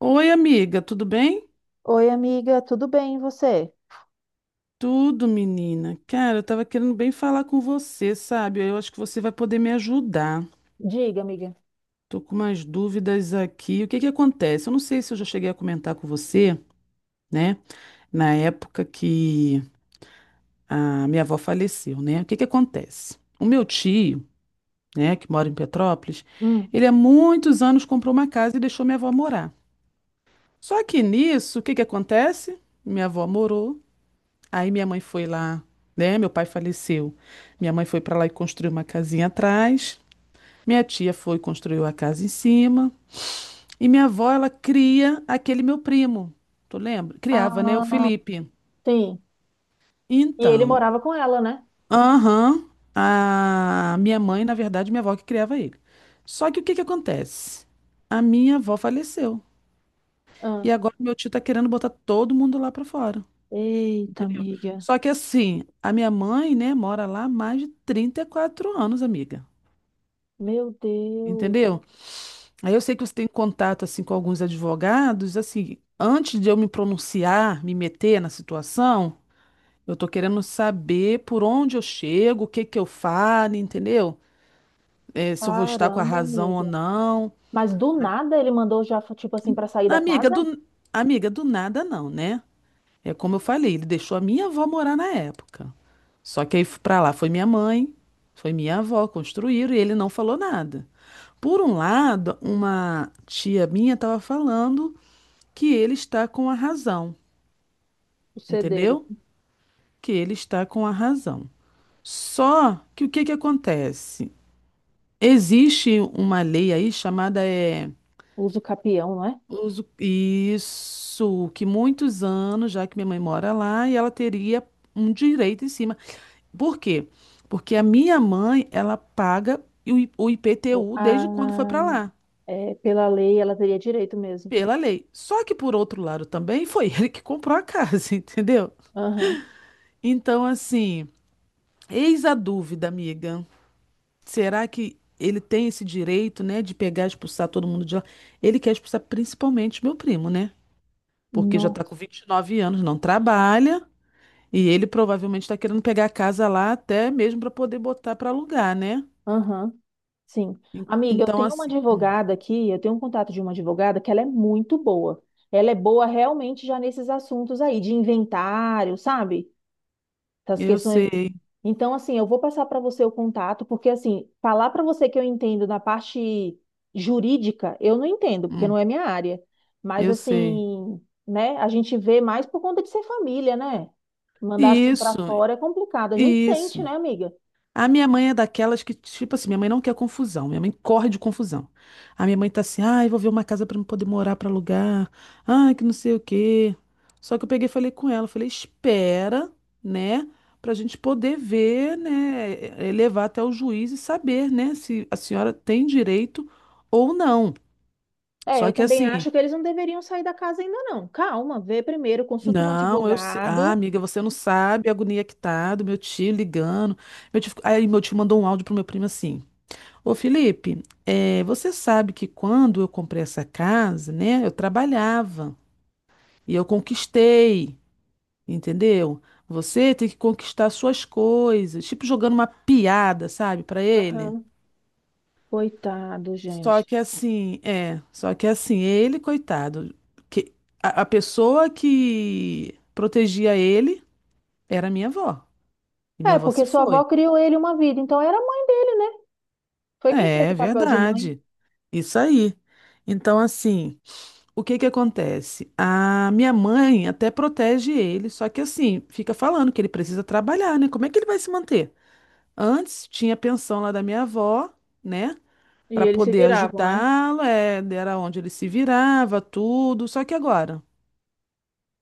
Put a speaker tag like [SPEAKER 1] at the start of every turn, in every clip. [SPEAKER 1] Oi, amiga, tudo bem?
[SPEAKER 2] Oi, amiga, tudo bem, e você?
[SPEAKER 1] Tudo, menina. Cara, eu tava querendo bem falar com você, sabe? Eu acho que você vai poder me ajudar.
[SPEAKER 2] Diga, amiga.
[SPEAKER 1] Tô com umas dúvidas aqui. O que que acontece? Eu não sei se eu já cheguei a comentar com você, né? Na época que a minha avó faleceu, né? O que que acontece? O meu tio, né, que mora em Petrópolis,
[SPEAKER 2] Hum.
[SPEAKER 1] ele há muitos anos comprou uma casa e deixou minha avó morar. Só que nisso, o que que acontece? Minha avó morou. Aí minha mãe foi lá, né? Meu pai faleceu. Minha mãe foi para lá e construiu uma casinha atrás. Minha tia foi e construiu a casa em cima. E minha avó, ela cria aquele meu primo. Tu lembra? Criava, né? O
[SPEAKER 2] Ah,
[SPEAKER 1] Felipe.
[SPEAKER 2] sim. E ele
[SPEAKER 1] Então,
[SPEAKER 2] morava com ela, né?
[SPEAKER 1] aham, a minha mãe, na verdade, minha avó que criava ele. Só que o que que acontece? A minha avó faleceu.
[SPEAKER 2] Ah,
[SPEAKER 1] E agora meu tio tá querendo botar todo mundo lá para fora.
[SPEAKER 2] eita,
[SPEAKER 1] Entendeu?
[SPEAKER 2] amiga.
[SPEAKER 1] Só que assim, a minha mãe, né, mora lá há mais de 34 anos, amiga.
[SPEAKER 2] Meu Deus.
[SPEAKER 1] Entendeu? Aí eu sei que você tem contato assim com alguns advogados, assim, antes de eu me pronunciar, me meter na situação, eu tô querendo saber por onde eu chego, o que que eu falo, entendeu? É, se eu vou estar com a
[SPEAKER 2] Caramba,
[SPEAKER 1] razão ou
[SPEAKER 2] amiga.
[SPEAKER 1] não.
[SPEAKER 2] Mas do
[SPEAKER 1] A-
[SPEAKER 2] nada ele mandou já, tipo assim, pra sair da
[SPEAKER 1] Amiga
[SPEAKER 2] casa?
[SPEAKER 1] do amiga do nada não, né? É como eu falei, ele deixou a minha avó morar na época. Só que aí pra lá foi minha mãe, foi minha avó, construíram e ele não falou nada. Por um lado, uma tia minha estava falando que ele está com a razão,
[SPEAKER 2] O C dele,
[SPEAKER 1] entendeu? Que ele está com a razão. Só que o que que acontece? Existe uma lei aí chamada
[SPEAKER 2] o capião, não é?
[SPEAKER 1] isso que muitos anos já que minha mãe mora lá e ela teria um direito em cima. Por quê? Porque a minha mãe, ela paga o IPTU
[SPEAKER 2] Ah,
[SPEAKER 1] desde quando foi para lá,
[SPEAKER 2] é, pela lei ela teria direito mesmo.
[SPEAKER 1] pela lei. Só que, por outro lado, também foi ele que comprou a casa, entendeu?
[SPEAKER 2] Aham.
[SPEAKER 1] Então, assim, eis a dúvida, amiga. Será que ele tem esse direito, né, de pegar e expulsar todo mundo de lá? Ele quer expulsar principalmente meu primo, né? Porque já tá com
[SPEAKER 2] Nossa.
[SPEAKER 1] 29 anos, não trabalha, e ele provavelmente tá querendo pegar a casa lá até mesmo para poder botar para alugar, né?
[SPEAKER 2] Aham. Sim. Amiga, eu
[SPEAKER 1] Então,
[SPEAKER 2] tenho uma
[SPEAKER 1] assim,
[SPEAKER 2] advogada aqui, eu tenho um contato de uma advogada que ela é muito boa. Ela é boa realmente já nesses assuntos aí, de inventário, sabe? Das
[SPEAKER 1] eu
[SPEAKER 2] questões.
[SPEAKER 1] sei.
[SPEAKER 2] Então, assim, eu vou passar para você o contato, porque, assim, falar para você que eu entendo na parte jurídica, eu não entendo, porque
[SPEAKER 1] Hum,
[SPEAKER 2] não é minha área. Mas,
[SPEAKER 1] eu sei.
[SPEAKER 2] assim, né, a gente vê mais por conta de ser família, né? Mandar assim para
[SPEAKER 1] Isso,
[SPEAKER 2] fora é complicado. A gente sente,
[SPEAKER 1] isso.
[SPEAKER 2] né, amiga?
[SPEAKER 1] A minha mãe é daquelas que, tipo assim, minha mãe não quer confusão, minha mãe corre de confusão. A minha mãe tá assim, ai, vou ver uma casa pra eu poder morar pra alugar, ai, que não sei o quê. Só que eu peguei e falei com ela, falei, espera, né, pra gente poder ver, né, levar até o juiz e saber, né, se a senhora tem direito ou não.
[SPEAKER 2] É,
[SPEAKER 1] Só
[SPEAKER 2] eu
[SPEAKER 1] que
[SPEAKER 2] também
[SPEAKER 1] assim,
[SPEAKER 2] acho que eles não deveriam sair da casa ainda não. Calma, vê primeiro, consulta um
[SPEAKER 1] não, eu sei. Ah,
[SPEAKER 2] advogado.
[SPEAKER 1] amiga, você não sabe a agonia que tá do meu tio ligando. Aí meu tio mandou um áudio pro meu primo assim. Ô Felipe, você sabe que quando eu comprei essa casa, né? Eu trabalhava e eu conquistei, entendeu? Você tem que conquistar suas coisas. Tipo jogando uma piada, sabe, pra ele.
[SPEAKER 2] Aham. Coitado,
[SPEAKER 1] Só
[SPEAKER 2] gente.
[SPEAKER 1] que assim, é. Só que assim, ele, coitado, que a pessoa que protegia ele era minha avó. E minha
[SPEAKER 2] É,
[SPEAKER 1] avó
[SPEAKER 2] porque
[SPEAKER 1] se
[SPEAKER 2] sua avó
[SPEAKER 1] foi.
[SPEAKER 2] criou ele uma vida, então era a mãe dele, né? Foi quem
[SPEAKER 1] É,
[SPEAKER 2] fez
[SPEAKER 1] é
[SPEAKER 2] o papel de mãe.
[SPEAKER 1] verdade. Isso aí. Então, assim, o que que acontece? A minha mãe até protege ele, só que assim, fica falando que ele precisa trabalhar, né? Como é que ele vai se manter? Antes tinha a pensão lá da minha avó, né?
[SPEAKER 2] E
[SPEAKER 1] Para
[SPEAKER 2] eles se
[SPEAKER 1] poder
[SPEAKER 2] viravam, né?
[SPEAKER 1] ajudá-lo, era onde ele se virava, tudo. Só que agora,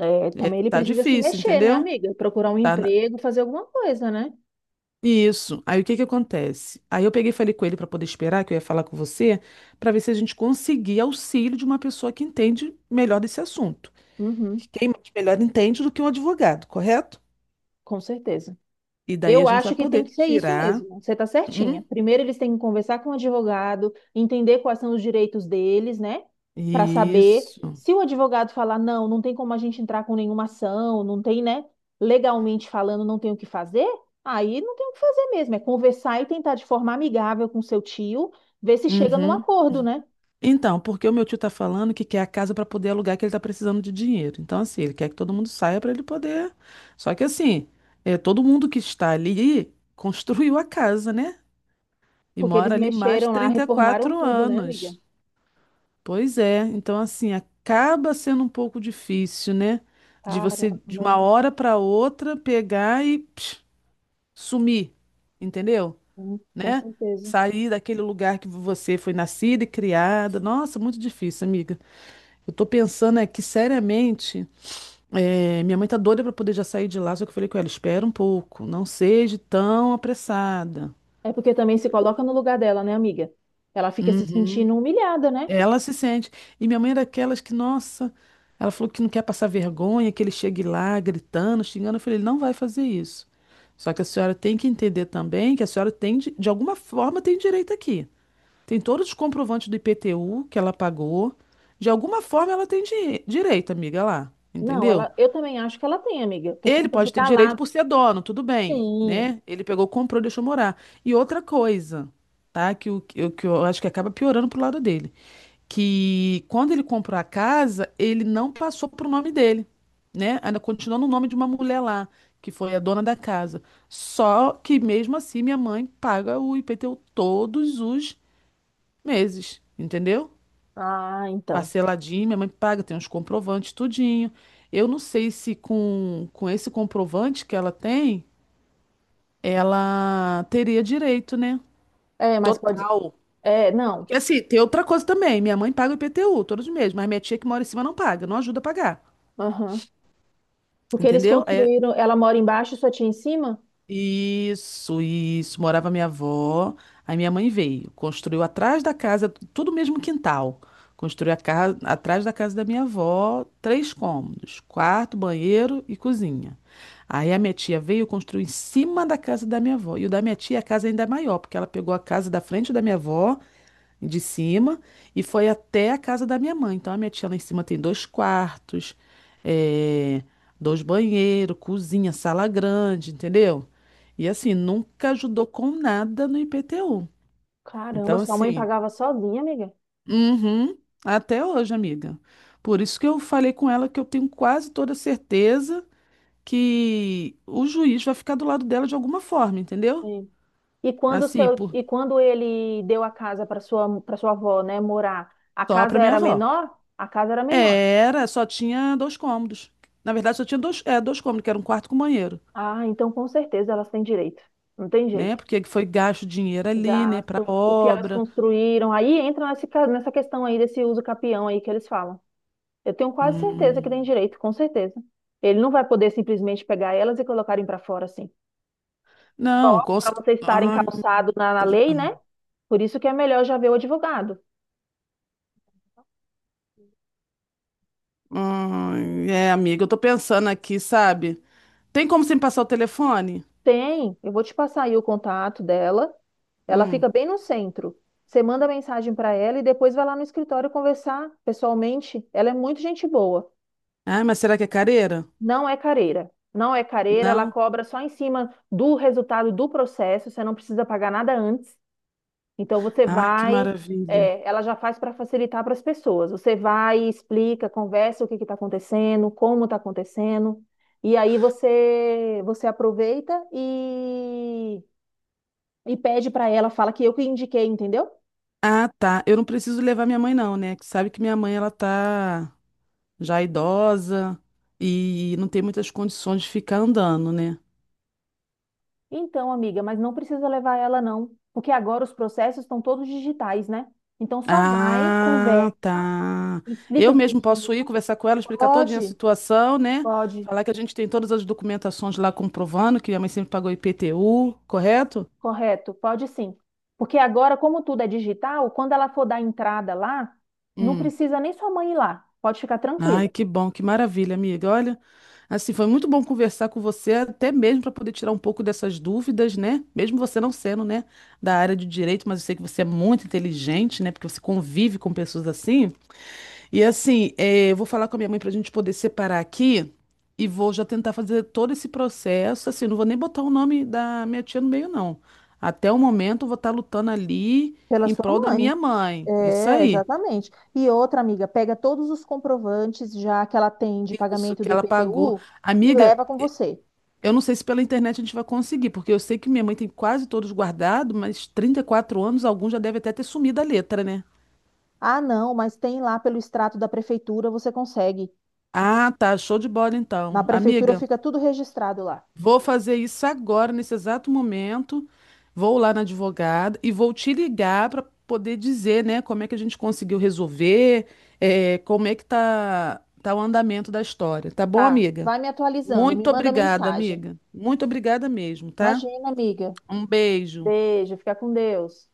[SPEAKER 2] É,
[SPEAKER 1] é,
[SPEAKER 2] também ele
[SPEAKER 1] tá
[SPEAKER 2] precisa se
[SPEAKER 1] difícil,
[SPEAKER 2] mexer, né,
[SPEAKER 1] entendeu?
[SPEAKER 2] amiga? Procurar um
[SPEAKER 1] Tá.
[SPEAKER 2] emprego, fazer alguma coisa, né?
[SPEAKER 1] Isso. Aí o que que acontece? Aí eu peguei e falei com ele para poder esperar, que eu ia falar com você, para ver se a gente conseguia auxílio de uma pessoa que entende melhor desse assunto.
[SPEAKER 2] Uhum,
[SPEAKER 1] Quem mais melhor entende do que um advogado, correto?
[SPEAKER 2] com certeza.
[SPEAKER 1] E daí a
[SPEAKER 2] Eu
[SPEAKER 1] gente vai
[SPEAKER 2] acho que tem que
[SPEAKER 1] poder
[SPEAKER 2] ser isso
[SPEAKER 1] tirar.
[SPEAKER 2] mesmo. Você está certinha.
[SPEAKER 1] Hum?
[SPEAKER 2] Primeiro, eles têm que conversar com o advogado, entender quais são os direitos deles, né? Para saber
[SPEAKER 1] Isso.
[SPEAKER 2] se o advogado falar, não, não tem como a gente entrar com nenhuma ação, não tem, né? Legalmente falando, não tem o que fazer, aí não tem o que fazer mesmo. É conversar e tentar de forma amigável com seu tio, ver se chega num
[SPEAKER 1] Uhum.
[SPEAKER 2] acordo, né?
[SPEAKER 1] Então, porque o meu tio tá falando que quer a casa para poder alugar, que ele tá precisando de dinheiro. Então, assim, ele quer que todo mundo saia para ele poder. Só que assim, todo mundo que está ali construiu a casa, né? E
[SPEAKER 2] Porque eles
[SPEAKER 1] mora ali mais de
[SPEAKER 2] mexeram lá,
[SPEAKER 1] trinta e
[SPEAKER 2] reformaram
[SPEAKER 1] quatro
[SPEAKER 2] tudo, né, amiga?
[SPEAKER 1] anos. Pois é, então assim, acaba sendo um pouco difícil, né? De você, de
[SPEAKER 2] Caramba.
[SPEAKER 1] uma hora para outra, pegar e psh, sumir, entendeu?
[SPEAKER 2] Hum, com
[SPEAKER 1] Né?
[SPEAKER 2] certeza.
[SPEAKER 1] Sair daquele lugar que você foi nascida e criada. Nossa, muito difícil, amiga. Eu tô pensando é que, seriamente, minha mãe tá doida para poder já sair de lá, só que eu falei com ela, espera um pouco, não seja tão apressada.
[SPEAKER 2] É porque também se coloca no lugar dela, né, amiga? Ela fica se
[SPEAKER 1] Uhum.
[SPEAKER 2] sentindo humilhada, né?
[SPEAKER 1] Ela se sente. E minha mãe era daquelas que, nossa, ela falou que não quer passar vergonha, que ele chegue lá gritando, xingando. Eu falei, ele não vai fazer isso. Só que a senhora tem que entender também que a senhora tem, de alguma forma, tem direito aqui. Tem todos os comprovantes do IPTU que ela pagou. De alguma forma, ela tem direito, amiga, lá.
[SPEAKER 2] Não,
[SPEAKER 1] Entendeu?
[SPEAKER 2] ela, eu também acho que ela tem, amiga, por
[SPEAKER 1] Ele
[SPEAKER 2] conta de
[SPEAKER 1] pode ter
[SPEAKER 2] estar
[SPEAKER 1] direito
[SPEAKER 2] lá.
[SPEAKER 1] por ser dono, tudo bem,
[SPEAKER 2] Sim.
[SPEAKER 1] né? Ele pegou, comprou, deixou morar. E outra coisa, tá? Que eu acho que acaba piorando pro lado dele que quando ele comprou a casa, ele não passou pro nome dele, né? Ainda continuou no nome de uma mulher lá, que foi a dona da casa. Só que mesmo assim, minha mãe paga o IPTU todos os meses, entendeu?
[SPEAKER 2] Ah, então.
[SPEAKER 1] Parceladinho, minha mãe paga, tem uns comprovantes, tudinho. Eu não sei se com esse comprovante que ela tem, ela teria direito, né?
[SPEAKER 2] É, mas pode.
[SPEAKER 1] Total.
[SPEAKER 2] É, não.
[SPEAKER 1] Porque assim, tem outra coisa também. Minha mãe paga o IPTU todos os meses, mas minha tia que mora em cima não paga, não ajuda a pagar.
[SPEAKER 2] Aham. Porque eles
[SPEAKER 1] Entendeu? É
[SPEAKER 2] construíram. Ela mora embaixo e sua tia em cima?
[SPEAKER 1] isso, isso. Morava minha avó. Aí minha mãe veio, construiu atrás da casa, tudo o mesmo quintal. Construiu a casa atrás da casa da minha avó, três cômodos, quarto, banheiro e cozinha. Aí a minha tia veio e construiu em cima da casa da minha avó. E o da minha tia, a casa ainda é maior, porque ela pegou a casa da frente da minha avó de cima e foi até a casa da minha mãe. Então a minha tia lá em cima tem dois quartos, eh, dois banheiros, cozinha, sala grande, entendeu? E assim, nunca ajudou com nada no IPTU.
[SPEAKER 2] Caramba,
[SPEAKER 1] Então,
[SPEAKER 2] sua mãe
[SPEAKER 1] assim,
[SPEAKER 2] pagava sozinha, amiga.
[SPEAKER 1] uhum, até hoje, amiga. Por isso que eu falei com ela que eu tenho quase toda certeza que o juiz vai ficar do lado dela de alguma forma, entendeu?
[SPEAKER 2] Sim. E quando
[SPEAKER 1] Assim,
[SPEAKER 2] e quando ele deu a casa para para sua avó, né, morar, a
[SPEAKER 1] só pra
[SPEAKER 2] casa
[SPEAKER 1] minha
[SPEAKER 2] era
[SPEAKER 1] avó.
[SPEAKER 2] menor? A casa era menor.
[SPEAKER 1] Era, só tinha dois cômodos. Na verdade, só tinha dois cômodos, que era um quarto com banheiro,
[SPEAKER 2] Ah, então com certeza elas têm direito. Não tem
[SPEAKER 1] né?
[SPEAKER 2] jeito.
[SPEAKER 1] Porque foi gasto dinheiro ali, né, pra
[SPEAKER 2] Gasto, o que elas
[SPEAKER 1] obra.
[SPEAKER 2] construíram. Aí entra nesse ca- Nessa questão aí desse uso capião aí que eles falam. Eu tenho quase certeza que tem
[SPEAKER 1] Hum.
[SPEAKER 2] direito, com certeza. Ele não vai poder simplesmente pegar elas e colocarem para fora assim.
[SPEAKER 1] Não,
[SPEAKER 2] Só para você estarem
[SPEAKER 1] Ai,
[SPEAKER 2] calçado na
[SPEAKER 1] será?
[SPEAKER 2] lei, né? Por isso que é melhor já ver o advogado.
[SPEAKER 1] Ai, é, amiga, eu tô pensando aqui, sabe? Tem como você me passar o telefone?
[SPEAKER 2] Tem, eu vou te passar aí o contato dela. Ela
[SPEAKER 1] Hum.
[SPEAKER 2] fica bem no centro. Você manda mensagem para ela e depois vai lá no escritório conversar pessoalmente. Ela é muito gente boa.
[SPEAKER 1] Ai, mas será que é careira?
[SPEAKER 2] Não é careira. Não é careira, ela
[SPEAKER 1] Não?
[SPEAKER 2] cobra só em cima do resultado do processo, você não precisa pagar nada antes. Então você
[SPEAKER 1] Ai, que
[SPEAKER 2] vai,
[SPEAKER 1] maravilha.
[SPEAKER 2] ela já faz para facilitar para as pessoas. Você vai, explica, conversa o que está acontecendo, como está acontecendo, e aí você aproveita e pede para ela, fala que eu que indiquei, entendeu?
[SPEAKER 1] Ah, tá. Eu não preciso levar minha mãe, não, né? Que sabe que minha mãe, ela tá já idosa e não tem muitas condições de ficar andando, né?
[SPEAKER 2] Então, amiga, mas não precisa levar ela não, porque agora os processos estão todos digitais, né? Então só vai, conversa,
[SPEAKER 1] Ah, tá. Eu
[SPEAKER 2] explica
[SPEAKER 1] mesmo posso ir
[SPEAKER 2] direitinho.
[SPEAKER 1] conversar com ela, explicar todinha a
[SPEAKER 2] Pode,
[SPEAKER 1] situação, né?
[SPEAKER 2] pode,
[SPEAKER 1] Falar que a gente tem todas as documentações lá comprovando que a mãe sempre pagou IPTU, correto?
[SPEAKER 2] correto, pode sim. Porque agora, como tudo é digital, quando ela for dar entrada lá, não
[SPEAKER 1] Hum.
[SPEAKER 2] precisa nem sua mãe ir lá. Pode ficar
[SPEAKER 1] Ai,
[SPEAKER 2] tranquila.
[SPEAKER 1] que bom, que maravilha, amiga. Olha, assim, foi muito bom conversar com você, até mesmo para poder tirar um pouco dessas dúvidas, né? Mesmo você não sendo, né, da área de direito, mas eu sei que você é muito inteligente, né? Porque você convive com pessoas assim. E assim, eu vou falar com a minha mãe para a gente poder separar aqui e vou já tentar fazer todo esse processo. Assim, não vou nem botar o nome da minha tia no meio, não. Até o momento, eu vou estar lutando ali
[SPEAKER 2] Pela
[SPEAKER 1] em
[SPEAKER 2] sua
[SPEAKER 1] prol da
[SPEAKER 2] mãe.
[SPEAKER 1] minha mãe. Isso
[SPEAKER 2] É,
[SPEAKER 1] aí.
[SPEAKER 2] exatamente. E outra amiga, pega todos os comprovantes já que ela tem de
[SPEAKER 1] Isso
[SPEAKER 2] pagamento do
[SPEAKER 1] que ela pagou.
[SPEAKER 2] IPTU e
[SPEAKER 1] Amiga,
[SPEAKER 2] leva com você.
[SPEAKER 1] eu não sei se pela internet a gente vai conseguir, porque eu sei que minha mãe tem quase todos guardados, mas 34 anos, alguns já deve até ter sumido a letra, né?
[SPEAKER 2] Ah, não, mas tem lá pelo extrato da prefeitura, você consegue.
[SPEAKER 1] Ah, tá. Show de bola
[SPEAKER 2] Na
[SPEAKER 1] então.
[SPEAKER 2] prefeitura
[SPEAKER 1] Amiga,
[SPEAKER 2] fica tudo registrado lá.
[SPEAKER 1] vou fazer isso agora, nesse exato momento. Vou lá na advogada e vou te ligar para poder dizer, né, como é que a gente conseguiu resolver, como é que tá, o andamento da história. Tá bom,
[SPEAKER 2] Tá,
[SPEAKER 1] amiga?
[SPEAKER 2] vai me atualizando, me
[SPEAKER 1] Muito
[SPEAKER 2] manda
[SPEAKER 1] obrigada,
[SPEAKER 2] mensagem.
[SPEAKER 1] amiga. Muito obrigada mesmo, tá?
[SPEAKER 2] Imagina, amiga.
[SPEAKER 1] Um beijo.
[SPEAKER 2] Beijo, fica com Deus.